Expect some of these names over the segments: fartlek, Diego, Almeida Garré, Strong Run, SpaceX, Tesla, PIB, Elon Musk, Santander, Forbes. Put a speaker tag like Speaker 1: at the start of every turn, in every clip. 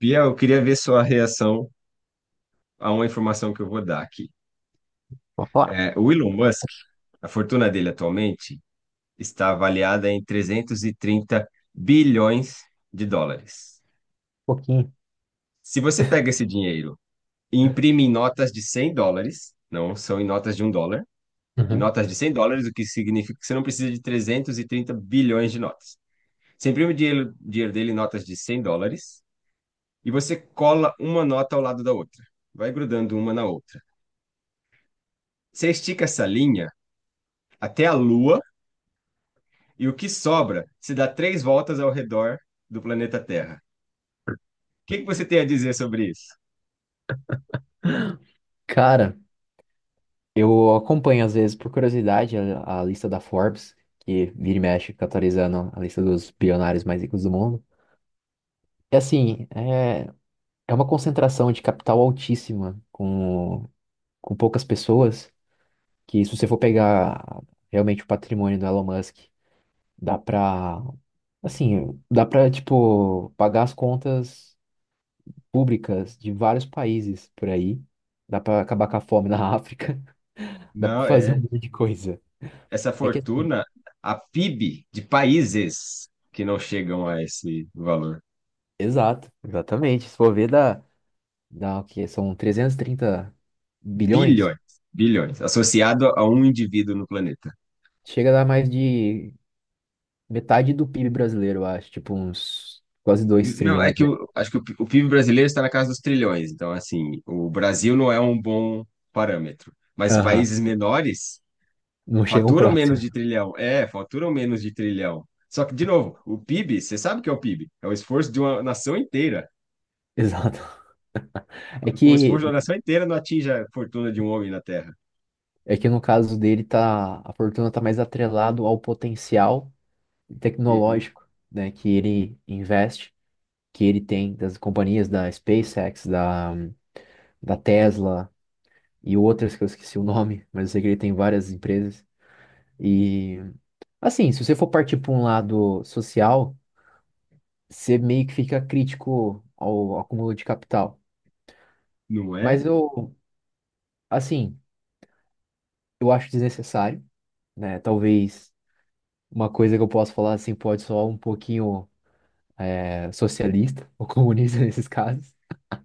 Speaker 1: Bia, eu queria ver sua reação a uma informação que eu vou dar aqui.
Speaker 2: Vou falar.
Speaker 1: O Elon Musk, a fortuna dele atualmente está avaliada em US$ 330 bilhões.
Speaker 2: Um pouquinho.
Speaker 1: Se você pega esse dinheiro e imprime em notas de US$ 100, não são em notas de US$ 1, em
Speaker 2: Uhum.
Speaker 1: notas de cem dólares, o que significa que você não precisa de 330 bilhões de notas. Você imprime o dinheiro, dinheiro dele em notas de 100 dólares e você cola uma nota ao lado da outra, vai grudando uma na outra. Você estica essa linha até a Lua, e o que sobra se dá três voltas ao redor do planeta Terra. O que que você tem a dizer sobre isso?
Speaker 2: Cara, eu acompanho às vezes por curiosidade a lista da Forbes, que vira e mexe atualizando a lista dos bilionários mais ricos do mundo. E assim, é uma concentração de capital altíssima com poucas pessoas, que se você for pegar realmente o patrimônio do Elon Musk, dá pra, assim, dá pra, tipo, pagar as contas públicas de vários países por aí. Dá pra acabar com a fome na África. Dá pra
Speaker 1: Não,
Speaker 2: fazer um
Speaker 1: é
Speaker 2: monte de coisa.
Speaker 1: essa
Speaker 2: É que assim,
Speaker 1: fortuna, a PIB de países que não chegam a esse valor.
Speaker 2: exato, exatamente. Se for ver, dá, dá o quê? São 330 bilhões.
Speaker 1: Bilhões, bilhões, associado a um indivíduo no planeta.
Speaker 2: Chega a dar mais de metade do PIB brasileiro, eu acho. Tipo, uns quase dois
Speaker 1: Não, é
Speaker 2: trilhões,
Speaker 1: que
Speaker 2: né?
Speaker 1: eu acho que o o PIB brasileiro está na casa dos trilhões, então assim, o Brasil não é um bom parâmetro, mas
Speaker 2: Aham.
Speaker 1: países menores
Speaker 2: Não chegam
Speaker 1: faturam menos
Speaker 2: próximo.
Speaker 1: de trilhão. Faturam menos de trilhão. Só que, de novo, o PIB, você sabe o que é o PIB? É o esforço de uma nação inteira.
Speaker 2: Exato. É
Speaker 1: O
Speaker 2: que,
Speaker 1: esforço de uma nação inteira não atinge a fortuna de um homem na Terra.
Speaker 2: é que no caso dele, tá, a fortuna tá mais atrelado ao potencial
Speaker 1: Uhum.
Speaker 2: tecnológico, né? Que ele investe, que ele tem das companhias da SpaceX, da Tesla e outras que eu esqueci o nome, mas eu sei que ele tem várias empresas. E assim, se você for partir para um lado social, você meio que fica crítico ao acúmulo de capital.
Speaker 1: Não
Speaker 2: Mas
Speaker 1: é?
Speaker 2: eu, assim, eu acho desnecessário, né? Talvez uma coisa que eu posso falar assim pode soar um pouquinho é, socialista ou comunista nesses casos.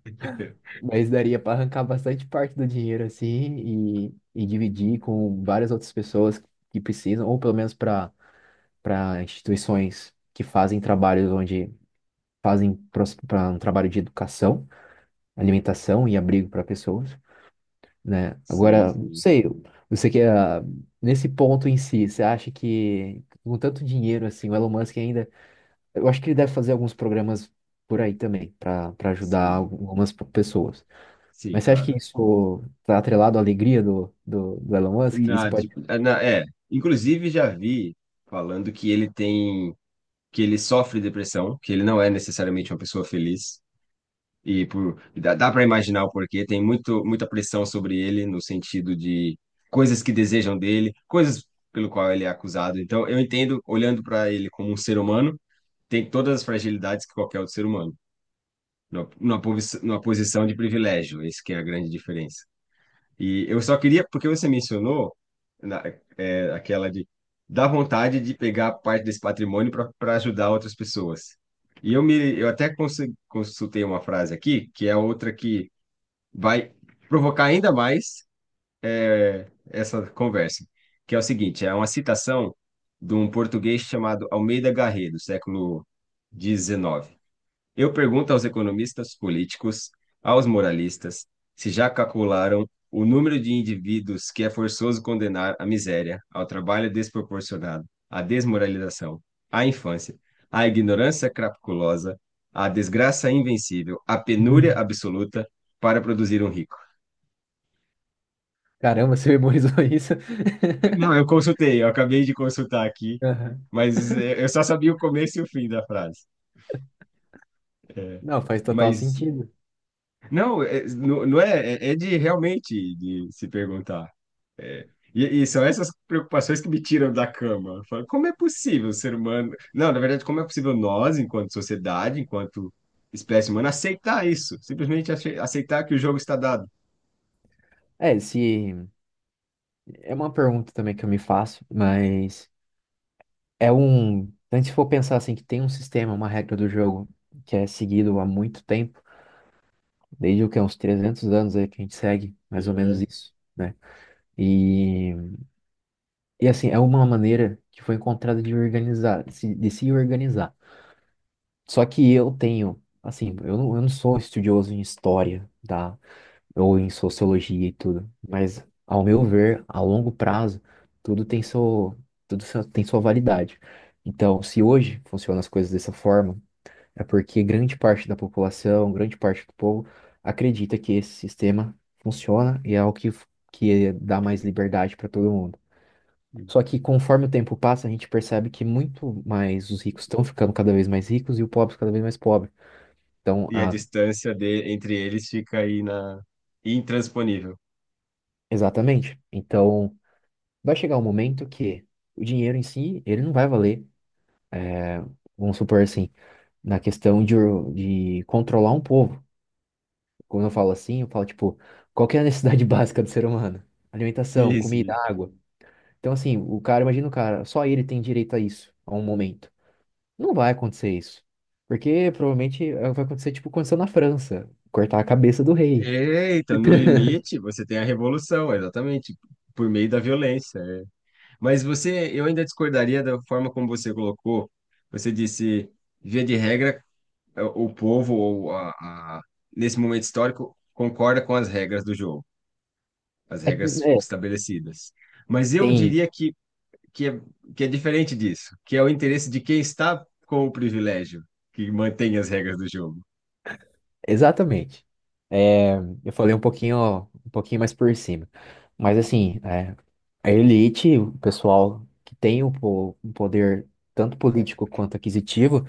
Speaker 2: Mas daria para arrancar bastante parte do dinheiro assim e dividir com várias outras pessoas que precisam, ou pelo menos para instituições que fazem trabalhos onde fazem para um trabalho de educação, alimentação e abrigo para pessoas, né?
Speaker 1: Sim,
Speaker 2: Agora, não
Speaker 1: sim,
Speaker 2: sei, você que ah, nesse ponto em si, você acha que com tanto dinheiro assim, o Elon Musk ainda, eu acho que ele deve fazer alguns programas por aí também para ajudar
Speaker 1: sim,
Speaker 2: algumas pessoas.
Speaker 1: sim,
Speaker 2: Mas você acha que
Speaker 1: claro.
Speaker 2: isso tá atrelado à alegria do Elon Musk? Isso
Speaker 1: Na,
Speaker 2: pode
Speaker 1: de- na- é, inclusive já vi falando que ele tem, que ele sofre depressão, que ele não é necessariamente uma pessoa feliz. E por, dá para imaginar o porquê, tem muita pressão sobre ele no sentido de coisas que desejam dele, coisas pelo qual ele é acusado. Então, eu entendo, olhando para ele como um ser humano, tem todas as fragilidades que qualquer outro ser humano, numa posição de privilégio, esse que é a grande diferença. E eu só queria, porque você mencionou na, aquela de dar vontade de pegar parte desse patrimônio para ajudar outras pessoas. E eu até consultei uma frase aqui, que é outra que vai provocar ainda mais essa conversa, que é o seguinte, é uma citação de um português chamado Almeida Garré, do século XIX. Eu pergunto aos economistas políticos, aos moralistas, se já calcularam o número de indivíduos que é forçoso condenar à miséria, ao trabalho desproporcionado, à desmoralização, à infância, à ignorância crapulosa, à desgraça invencível, à penúria
Speaker 2: Uhum.
Speaker 1: absoluta para produzir um rico.
Speaker 2: Caramba, você memorizou isso?
Speaker 1: Não, eu consultei, eu acabei de consultar aqui,
Speaker 2: Aham.
Speaker 1: mas eu só sabia o começo e o fim da frase.
Speaker 2: Não, faz total
Speaker 1: Mas
Speaker 2: sentido.
Speaker 1: não é, é de realmente de se perguntar. E são essas preocupações que me tiram da cama. Eu falo, como é possível o ser humano. Não, na verdade, como é possível nós, enquanto sociedade, enquanto espécie humana, aceitar isso? Simplesmente aceitar que o jogo está dado.
Speaker 2: É, se é uma pergunta também que eu me faço, mas é um. Então, se for pensar assim, que tem um sistema, uma regra do jogo que é seguido há muito tempo, desde o que, uns 300 anos aí que a gente segue,
Speaker 1: E,
Speaker 2: mais ou menos
Speaker 1: é-
Speaker 2: isso, né? E, e assim, é uma maneira que foi encontrada de organizar, de se organizar. Só que eu tenho, assim, eu não sou estudioso em história, tá? Ou em sociologia e tudo. Mas, ao meu ver, a longo prazo, tudo tem seu, tem sua validade. Então, se hoje funcionam as coisas dessa forma, é porque grande parte da população, grande parte do povo, acredita que esse sistema funciona e é o que, que dá mais liberdade para todo mundo. Só que conforme o tempo passa, a gente percebe que muito mais os ricos estão ficando cada vez mais ricos e o pobre cada vez mais pobre. Então,
Speaker 1: e a
Speaker 2: a,
Speaker 1: distância entre eles fica intransponível.
Speaker 2: exatamente. Então, vai chegar um momento que o dinheiro em si, ele não vai valer, é, vamos supor assim, na questão de controlar um povo. Quando eu falo assim, eu falo, tipo, qual que é a necessidade básica do ser humano? Alimentação,
Speaker 1: Sim,
Speaker 2: comida,
Speaker 1: sim.
Speaker 2: água. Então, assim, o cara, imagina o cara, só ele tem direito a isso, a um momento. Não vai acontecer isso. Porque provavelmente é, vai acontecer, tipo, aconteceu na França, cortar a cabeça do rei.
Speaker 1: Eita, no limite você tem a revolução, exatamente, por meio da violência. É. Mas você, eu ainda discordaria da forma como você colocou. Você disse, via de regra, é, o povo, a- nesse momento histórico, concorda com as regras do jogo, as
Speaker 2: É, que,
Speaker 1: regras
Speaker 2: né,
Speaker 1: estabelecidas. Mas eu
Speaker 2: tem
Speaker 1: diria que, é, que é diferente disso, que é o interesse de quem está com o privilégio que mantém as regras do jogo.
Speaker 2: exatamente. É, eu falei um pouquinho mais por cima. Mas assim, é, a elite, o pessoal que tem um, um poder tanto político quanto aquisitivo,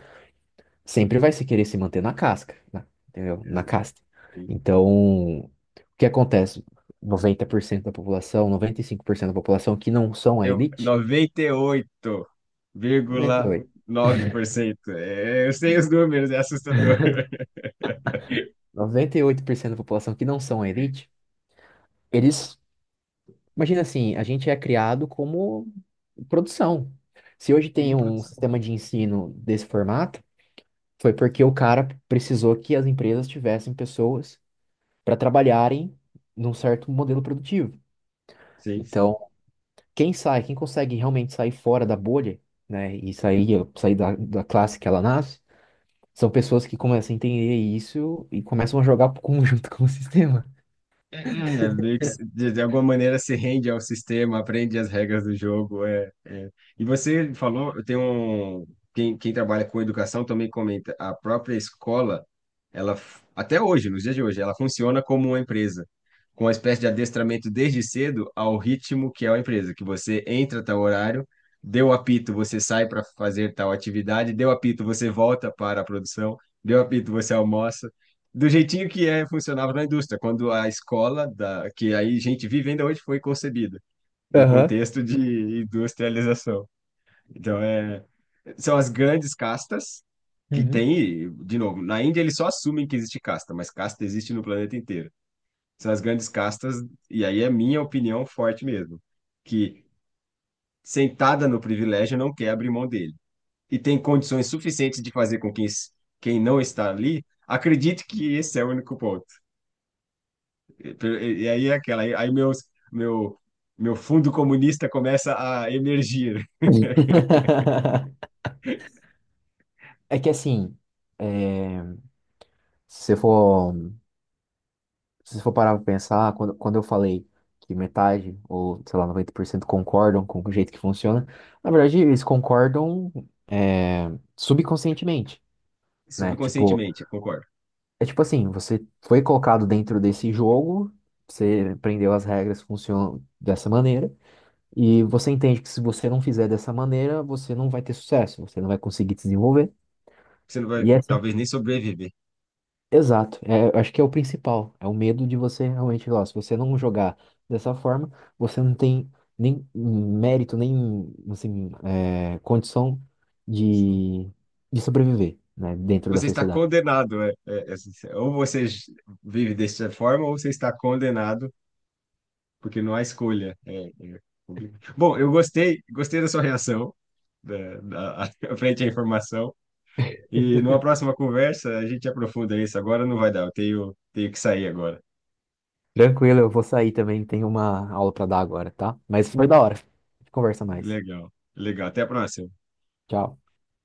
Speaker 2: sempre vai se querer se manter na casca, entendeu? Na
Speaker 1: Ex-
Speaker 2: casta. Então, o que acontece? 90% da população, 95% da população que não são a
Speaker 1: Eu,
Speaker 2: elite, noventa noventa e e oito
Speaker 1: 98,9%. É, eu sei os números, é assustador.
Speaker 2: 98% da população que não são a elite, eles imagina assim, a gente é criado como produção. Se hoje
Speaker 1: Um
Speaker 2: tem um
Speaker 1: produção.
Speaker 2: sistema de ensino desse formato, foi porque o cara precisou que as empresas tivessem pessoas para trabalharem num certo modelo produtivo.
Speaker 1: Sim,
Speaker 2: Então,
Speaker 1: sim.
Speaker 2: quem sai, quem consegue realmente sair fora da bolha, né, e sair, sair da, da classe que ela nasce, são pessoas que começam a entender isso e começam a jogar pro conjunto com o sistema.
Speaker 1: Meio que de alguma maneira se rende ao sistema, aprende as regras do jogo. É, é. E você falou, quem, quem trabalha com educação também comenta, a própria escola, ela até hoje, nos dias de hoje, ela funciona como uma empresa, com uma espécie de adestramento desde cedo ao ritmo que é a empresa, que você entra a tal horário, deu apito, você sai para fazer tal atividade, deu apito, você volta para a produção, deu apito, você almoça do jeitinho que é funcionava na indústria, quando a escola da que aí a gente vive ainda hoje foi concebida no
Speaker 2: Aham.
Speaker 1: contexto de industrialização. Então são as grandes castas que
Speaker 2: Uhum.
Speaker 1: tem, e, de novo, na Índia eles só assumem que existe casta, mas casta existe no planeta inteiro. São as grandes castas e aí é minha opinião forte mesmo, que sentada no privilégio não quer abrir mão dele e tem condições suficientes de fazer com que quem não está ali acredite que esse é o único ponto. E aí é aquela, meu, meu fundo comunista começa a emergir
Speaker 2: É que assim, é, se você for, se você for parar pra pensar, quando, quando eu falei que metade, ou sei lá, 90% concordam com o jeito que funciona, na verdade eles concordam é, subconscientemente, né? Tipo,
Speaker 1: subconscientemente, concordo.
Speaker 2: é tipo assim, você foi colocado dentro desse jogo, você aprendeu as regras, funcionam dessa maneira, e você entende que se você não fizer dessa maneira, você não vai ter sucesso, você não vai conseguir desenvolver.
Speaker 1: Você não vai,
Speaker 2: E é assim.
Speaker 1: talvez, nem sobreviver.
Speaker 2: Exato, é, eu acho que é o principal, é o medo de você realmente, ó, se você não jogar dessa forma, você não tem nem mérito, nem assim, é, condição de, de sobreviver, né, dentro da
Speaker 1: Você está
Speaker 2: sociedade.
Speaker 1: condenado, né? Ou você vive dessa forma, ou você está condenado, porque não há escolha. É complicado. Bom, eu gostei, gostei da sua reação, da, frente à informação. E numa próxima conversa a gente aprofunda isso. Agora não vai dar, tenho que sair agora.
Speaker 2: Tranquilo, eu vou sair também, tenho uma aula para dar agora, tá? Mas foi da hora. A gente conversa mais.
Speaker 1: Legal, legal. Até a próxima.
Speaker 2: Tchau.